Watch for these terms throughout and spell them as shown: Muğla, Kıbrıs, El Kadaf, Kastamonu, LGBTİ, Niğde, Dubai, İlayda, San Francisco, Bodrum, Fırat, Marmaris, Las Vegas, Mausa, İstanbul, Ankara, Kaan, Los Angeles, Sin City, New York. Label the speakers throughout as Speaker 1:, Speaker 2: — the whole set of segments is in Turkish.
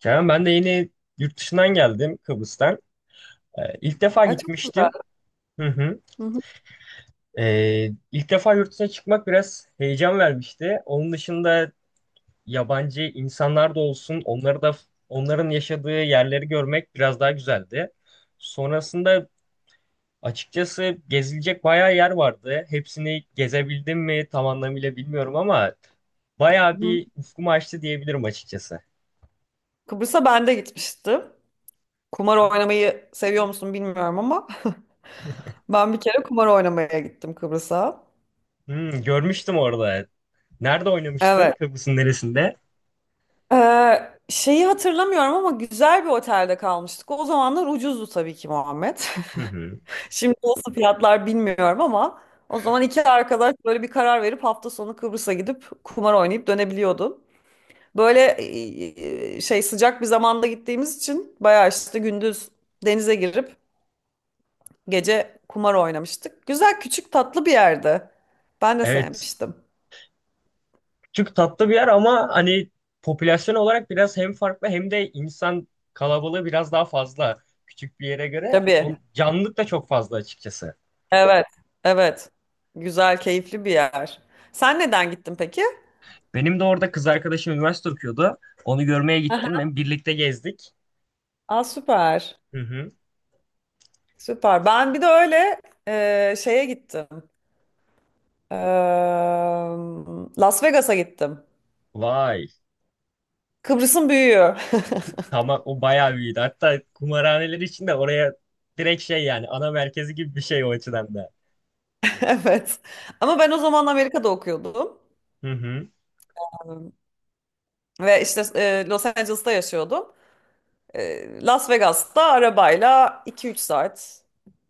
Speaker 1: Kerem ben de yeni yurt dışından geldim Kıbrıs'tan. İlk defa
Speaker 2: Ha, çok güzel.
Speaker 1: gitmiştim. Hı hı.
Speaker 2: Hı hı,
Speaker 1: İlk defa yurt dışına çıkmak biraz heyecan vermişti. Onun dışında yabancı insanlar da olsun, onları da onların yaşadığı yerleri görmek biraz daha güzeldi. Sonrasında açıkçası gezilecek bayağı yer vardı. Hepsini gezebildim mi tam anlamıyla bilmiyorum ama
Speaker 2: hı.
Speaker 1: bayağı
Speaker 2: Hı.
Speaker 1: bir ufkumu açtı diyebilirim açıkçası.
Speaker 2: Kıbrıs'a ben de gitmiştim. Kumar oynamayı seviyor musun bilmiyorum ama ben bir kere kumar oynamaya gittim Kıbrıs'a.
Speaker 1: Hmm, görmüştüm orada. Nerede oynamıştın?
Speaker 2: Evet.
Speaker 1: Kıbrıs'ın neresinde?
Speaker 2: Şeyi hatırlamıyorum ama güzel bir otelde kalmıştık. O zamanlar ucuzdu tabii ki Muhammed.
Speaker 1: Hı hı.
Speaker 2: Şimdi nasıl fiyatlar bilmiyorum ama o zaman iki arkadaş böyle bir karar verip hafta sonu Kıbrıs'a gidip kumar oynayıp dönebiliyordun. Böyle şey sıcak bir zamanda gittiğimiz için bayağı işte gündüz denize girip gece kumar oynamıştık. Güzel küçük tatlı bir yerdi. Ben de
Speaker 1: Evet.
Speaker 2: sevmiştim.
Speaker 1: Küçük tatlı bir yer ama hani popülasyon olarak biraz hem farklı hem de insan kalabalığı biraz daha fazla. Küçük bir yere göre
Speaker 2: Tabii.
Speaker 1: on, canlılık da çok fazla açıkçası.
Speaker 2: Evet. Evet. Güzel, keyifli bir yer. Sen neden gittin peki?
Speaker 1: Benim de orada kız arkadaşım üniversite okuyordu. Onu görmeye gittim.
Speaker 2: Aha.
Speaker 1: Hem birlikte gezdik.
Speaker 2: Aa, süper.
Speaker 1: Hı hı.
Speaker 2: Süper. Ben bir de öyle şeye gittim. Eee, Las Vegas'a gittim.
Speaker 1: Vay.
Speaker 2: Kıbrıs'ın büyüğü.
Speaker 1: Tamam, o bayağı büyüdü. Hatta kumarhaneler için de oraya direkt şey yani ana merkezi gibi bir şey o açıdan da.
Speaker 2: Evet. Ama ben o zaman Amerika'da okuyordum.
Speaker 1: Hı hı.
Speaker 2: Ve işte Los Angeles'ta yaşıyordum. Las Vegas'ta arabayla iki üç saat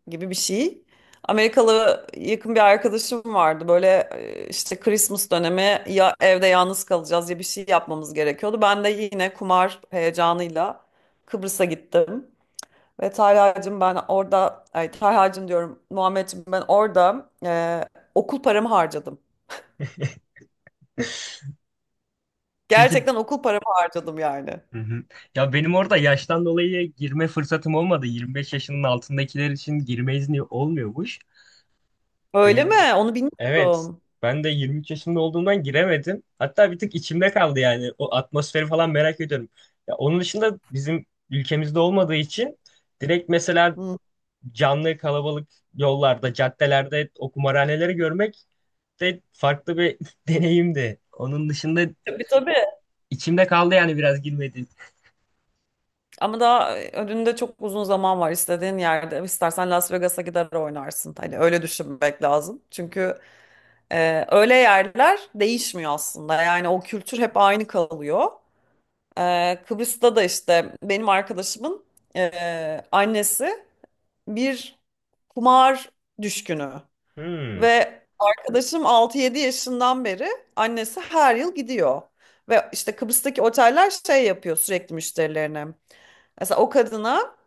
Speaker 2: gibi bir şey. Amerikalı yakın bir arkadaşım vardı. Böyle işte Christmas dönemi ya evde yalnız kalacağız ya bir şey yapmamız gerekiyordu. Ben de yine kumar heyecanıyla Kıbrıs'a gittim. Ve Talha'cığım ben orada, ay Talha'cığım diyorum Muhammed'cim ben orada okul paramı harcadım.
Speaker 1: Peki.
Speaker 2: Gerçekten okul paramı harcadım yani.
Speaker 1: Hı hı. Ya benim orada yaştan dolayı girme fırsatım olmadı. 25 yaşının altındakiler için girme izni olmuyormuş.
Speaker 2: Öyle mi?
Speaker 1: Benim de
Speaker 2: Onu
Speaker 1: evet.
Speaker 2: bilmiyordum.
Speaker 1: Ben de 23 yaşımda olduğumdan giremedim. Hatta bir tık içimde kaldı yani. O atmosferi falan merak ediyorum. Ya onun dışında bizim ülkemizde olmadığı için direkt mesela
Speaker 2: Hı.
Speaker 1: canlı kalabalık yollarda, caddelerde o kumarhaneleri görmek de farklı bir deneyimdi. Onun dışında
Speaker 2: Tabii tabii.
Speaker 1: içimde kaldı yani biraz girmedi.
Speaker 2: Ama daha önünde çok uzun zaman var istediğin yerde. İstersen Las Vegas'a gider oynarsın. Hani öyle düşünmek lazım. Çünkü öyle yerler değişmiyor aslında. Yani o kültür hep aynı kalıyor. Kıbrıs'ta da işte benim arkadaşımın annesi bir kumar düşkünü.
Speaker 1: Hmm,
Speaker 2: Ve arkadaşım altı yedi yaşından beri annesi her yıl gidiyor. Ve işte Kıbrıs'taki oteller şey yapıyor sürekli müşterilerine. Mesela o kadına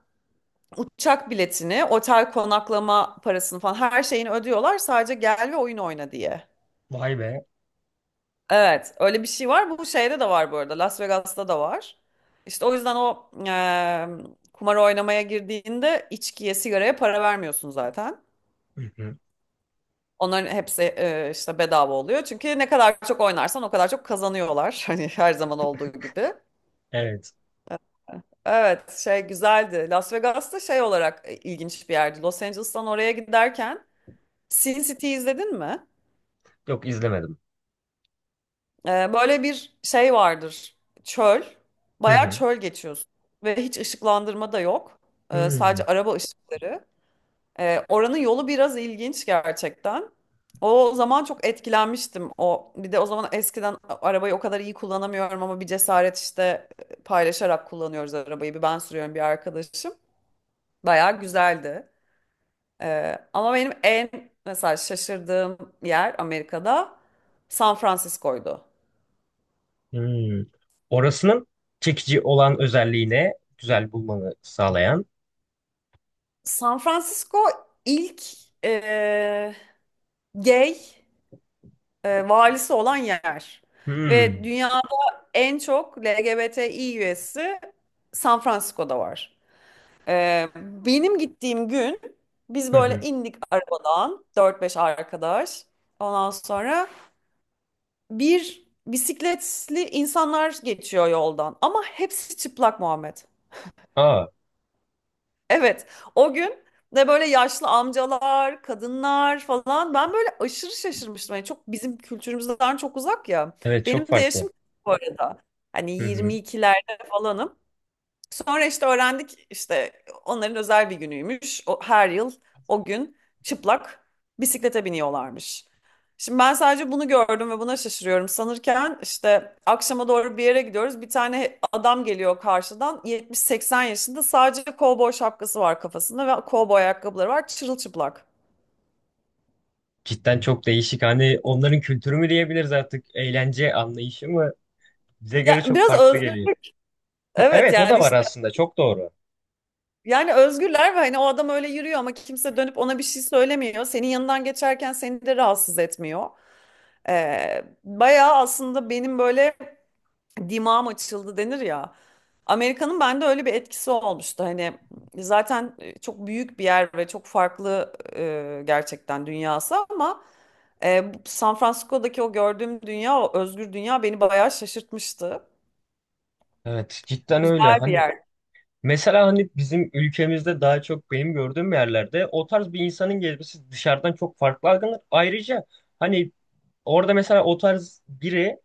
Speaker 2: uçak biletini, otel konaklama parasını falan her şeyini ödüyorlar sadece gel ve oyun oyna diye.
Speaker 1: vay be.
Speaker 2: Evet, öyle bir şey var. Bu şeyde de var bu arada. Las Vegas'ta da var. İşte o yüzden o kumar oynamaya girdiğinde içkiye, sigaraya para vermiyorsun zaten. Onların hepsi işte bedava oluyor. Çünkü ne kadar çok oynarsan o kadar çok kazanıyorlar. Hani her zaman olduğu gibi.
Speaker 1: Evet.
Speaker 2: Evet, şey güzeldi. Las Vegas'ta şey olarak ilginç bir yerdi. Los Angeles'tan oraya giderken Sin City izledin mi?
Speaker 1: Yok, izlemedim.
Speaker 2: Böyle bir şey vardır. Çöl.
Speaker 1: Hı
Speaker 2: Bayağı
Speaker 1: hı.
Speaker 2: çöl geçiyorsun. Ve hiç ışıklandırma da yok. Ee,
Speaker 1: Hmm,
Speaker 2: sadece araba ışıkları. Oranın yolu biraz ilginç gerçekten. O zaman çok etkilenmiştim. O bir de o zaman eskiden arabayı o kadar iyi kullanamıyorum ama bir cesaret işte paylaşarak kullanıyoruz arabayı. Bir ben sürüyorum bir arkadaşım. Bayağı güzeldi. Ama benim en mesela şaşırdığım yer Amerika'da San Francisco'ydu.
Speaker 1: hmm. Orasının çekici olan özelliğine güzel bulmanı sağlayan.
Speaker 2: San Francisco ilk e, gay valisi olan yer. Ve
Speaker 1: Hmm.
Speaker 2: dünyada en çok LGBTİ üyesi San Francisco'da var. Benim gittiğim gün biz
Speaker 1: Hı
Speaker 2: böyle
Speaker 1: hı.
Speaker 2: indik arabadan dört beş arkadaş. Ondan sonra bir bisikletli insanlar geçiyor yoldan. Ama hepsi çıplak Muhammed.
Speaker 1: Aa,
Speaker 2: Evet, o gün de böyle yaşlı amcalar, kadınlar falan ben böyle aşırı şaşırmıştım. Yani çok bizim kültürümüzden çok uzak ya.
Speaker 1: evet çok
Speaker 2: Benim de
Speaker 1: farklı.
Speaker 2: yaşım bu arada. Hani
Speaker 1: Hı hı.
Speaker 2: 22'lerde falanım. Sonra işte öğrendik işte onların özel bir günüymüş. O, her yıl o gün çıplak bisiklete biniyorlarmış. Şimdi ben sadece bunu gördüm ve buna şaşırıyorum. Sanırken işte akşama doğru bir yere gidiyoruz. Bir tane adam geliyor karşıdan 70-80 yaşında sadece kovboy şapkası var kafasında ve kovboy ayakkabıları var çırılçıplak.
Speaker 1: Cidden çok değişik. Hani onların kültürü mü diyebiliriz artık? Eğlence anlayışı mı? Bize göre
Speaker 2: Ya
Speaker 1: çok
Speaker 2: biraz
Speaker 1: farklı
Speaker 2: özgür.
Speaker 1: geliyor. Ha,
Speaker 2: Evet
Speaker 1: evet o da
Speaker 2: yani
Speaker 1: var
Speaker 2: işte
Speaker 1: aslında. Çok doğru.
Speaker 2: yani özgürler ve hani o adam öyle yürüyor ama kimse dönüp ona bir şey söylemiyor. Senin yanından geçerken seni de rahatsız etmiyor. Bayağı aslında benim böyle dimağım açıldı denir ya. Amerika'nın bende öyle bir etkisi olmuştu. Hani zaten çok büyük bir yer ve çok farklı gerçekten dünyası ama San Francisco'daki o gördüğüm dünya, o özgür dünya beni bayağı şaşırtmıştı.
Speaker 1: Evet cidden öyle.
Speaker 2: Güzel bir
Speaker 1: Hani
Speaker 2: yer.
Speaker 1: mesela hani bizim ülkemizde daha çok benim gördüğüm yerlerde o tarz bir insanın gezmesi dışarıdan çok farklı algılanır. Ayrıca hani orada mesela o tarz biri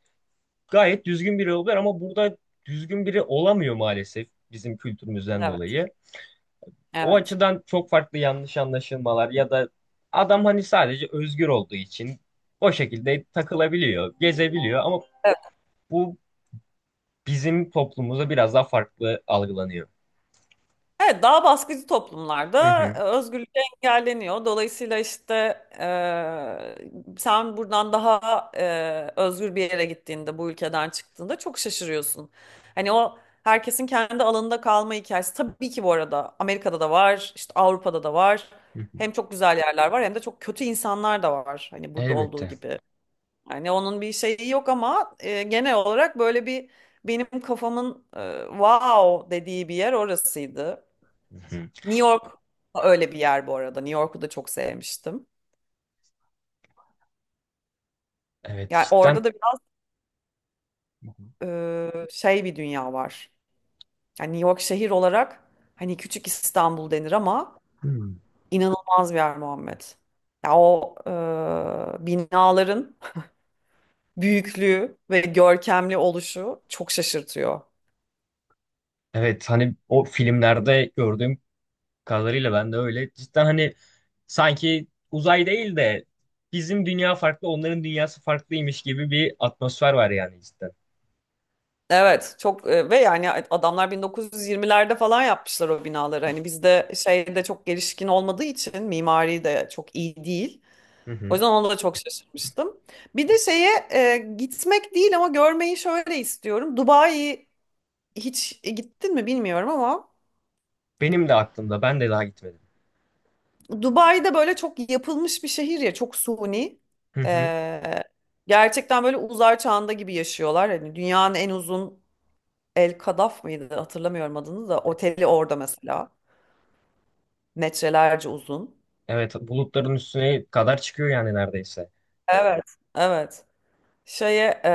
Speaker 1: gayet düzgün biri oluyor ama burada düzgün biri olamıyor maalesef bizim kültürümüzden
Speaker 2: Evet,
Speaker 1: dolayı. O
Speaker 2: evet.
Speaker 1: açıdan çok farklı yanlış anlaşılmalar ya da adam hani sadece özgür olduğu için o şekilde takılabiliyor, gezebiliyor ama bu bizim toplumumuzda biraz daha farklı algılanıyor.
Speaker 2: Evet, daha baskıcı
Speaker 1: Hı
Speaker 2: toplumlarda
Speaker 1: hı.
Speaker 2: özgürlük engelleniyor. Dolayısıyla işte sen buradan daha özgür bir yere gittiğinde, bu ülkeden çıktığında çok şaşırıyorsun. Hani o herkesin kendi alanında kalma hikayesi. Tabii ki bu arada Amerika'da da var, işte Avrupa'da da var.
Speaker 1: Hı hı.
Speaker 2: Hem çok güzel yerler var hem de çok kötü insanlar da var. Hani burada olduğu
Speaker 1: Elbette.
Speaker 2: gibi. Yani onun bir şeyi yok ama genel olarak böyle bir benim kafamın wow dediği bir yer orasıydı.
Speaker 1: Hı hı.
Speaker 2: New York da öyle bir yer bu arada. New York'u da çok sevmiştim.
Speaker 1: Evet
Speaker 2: Yani
Speaker 1: cidden.
Speaker 2: orada da biraz şey bir dünya var. Yani New York şehir olarak hani küçük İstanbul denir ama
Speaker 1: Hmm.
Speaker 2: inanılmaz bir yer Muhammed. Ya o binaların büyüklüğü ve görkemli oluşu çok şaşırtıyor.
Speaker 1: Evet hani o filmlerde gördüğüm kadarıyla ben de öyle cidden hani sanki uzay değil de bizim dünya farklı onların dünyası farklıymış gibi bir atmosfer var yani cidden.
Speaker 2: Evet çok ve yani adamlar 1920'lerde falan yapmışlar o binaları. Hani bizde şeyde çok gelişkin olmadığı için mimari de çok iyi değil.
Speaker 1: Hı
Speaker 2: O
Speaker 1: hı.
Speaker 2: yüzden ona da çok şaşırmıştım. Bir de şeye gitmek değil ama görmeyi şöyle istiyorum. Dubai hiç gittin mi bilmiyorum ama
Speaker 1: Benim de aklımda, ben de daha gitmedim.
Speaker 2: Dubai'de böyle çok yapılmış bir şehir ya çok suni.
Speaker 1: Hı hı.
Speaker 2: E, gerçekten böyle uzay çağında gibi yaşıyorlar. Hani dünyanın en uzun El Kadaf mıydı hatırlamıyorum adını da oteli orada mesela. Metrelerce uzun.
Speaker 1: Evet bulutların üstüne kadar çıkıyor yani neredeyse.
Speaker 2: Evet, evet. Şeye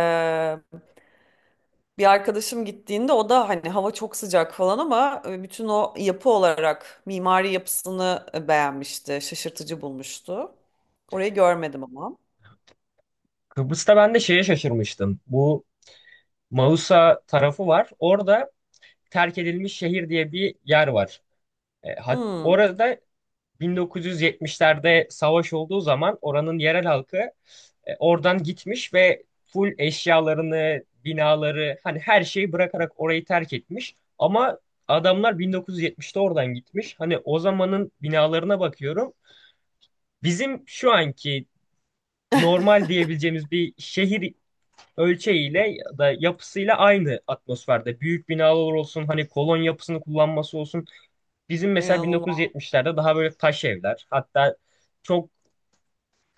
Speaker 2: bir arkadaşım gittiğinde o da hani hava çok sıcak falan ama bütün o yapı olarak mimari yapısını beğenmişti, şaşırtıcı bulmuştu. Orayı görmedim ama.
Speaker 1: Kıbrıs'ta ben de şeye şaşırmıştım. Bu Mausa tarafı var. Orada terk edilmiş şehir diye bir yer var.
Speaker 2: Hmm,
Speaker 1: Orada 1970'lerde savaş olduğu zaman oranın yerel halkı oradan gitmiş ve full eşyalarını, binaları hani her şeyi bırakarak orayı terk etmiş. Ama adamlar 1970'te oradan gitmiş. Hani o zamanın binalarına bakıyorum. Bizim şu anki normal diyebileceğimiz bir şehir ölçeğiyle ya da yapısıyla aynı atmosferde. Büyük binalar olsun, hani kolon yapısını kullanması olsun. Bizim mesela
Speaker 2: inanılmaz.
Speaker 1: 1970'lerde daha böyle taş evler, hatta çok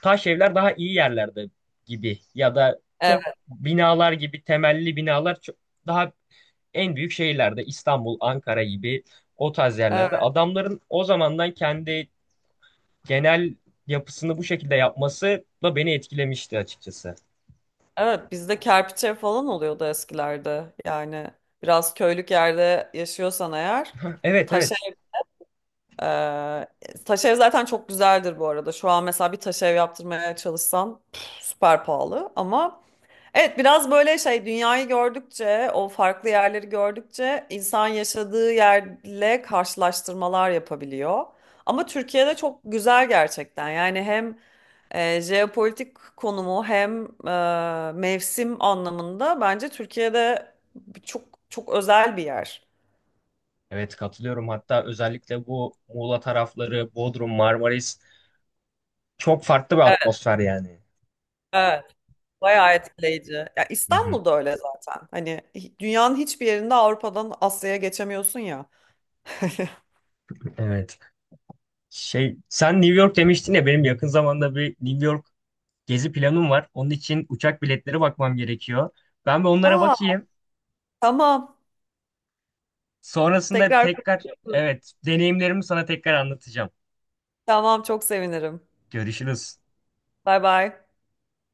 Speaker 1: taş evler daha iyi yerlerde gibi ya da
Speaker 2: Evet,
Speaker 1: çok binalar gibi temelli binalar çok, daha en büyük şehirlerde İstanbul, Ankara gibi o tarz
Speaker 2: evet,
Speaker 1: yerlerde adamların o zamandan kendi genel yapısını bu şekilde yapması da beni etkilemişti açıkçası.
Speaker 2: evet. Bizde kerpiçe falan oluyordu eskilerde. Yani biraz köylük yerde yaşıyorsan eğer
Speaker 1: Evet
Speaker 2: taş
Speaker 1: evet.
Speaker 2: Ee, taş ev zaten çok güzeldir bu arada. Şu an mesela bir taş ev yaptırmaya çalışsan püf, süper pahalı ama evet biraz böyle şey dünyayı gördükçe o farklı yerleri gördükçe insan yaşadığı yerle karşılaştırmalar yapabiliyor. Ama Türkiye'de çok güzel gerçekten. Yani hem jeopolitik konumu hem mevsim anlamında bence Türkiye'de çok çok özel bir yer.
Speaker 1: Evet katılıyorum. Hatta özellikle bu Muğla tarafları, Bodrum, Marmaris çok farklı bir atmosfer yani.
Speaker 2: Evet. Bayağı etkileyici. Ya
Speaker 1: Hı hı.
Speaker 2: İstanbul'da öyle zaten. Hani dünyanın hiçbir yerinde Avrupa'dan Asya'ya geçemiyorsun ya.
Speaker 1: Evet. Şey, sen New York demiştin ya, benim yakın zamanda bir New York gezi planım var. Onun için uçak biletleri bakmam gerekiyor. Ben bir onlara
Speaker 2: Aa,
Speaker 1: bakayım.
Speaker 2: tamam.
Speaker 1: Sonrasında
Speaker 2: Tekrar
Speaker 1: tekrar
Speaker 2: konuşuruz.
Speaker 1: evet deneyimlerimi sana tekrar anlatacağım.
Speaker 2: Tamam, çok sevinirim.
Speaker 1: Görüşürüz.
Speaker 2: Bay bay.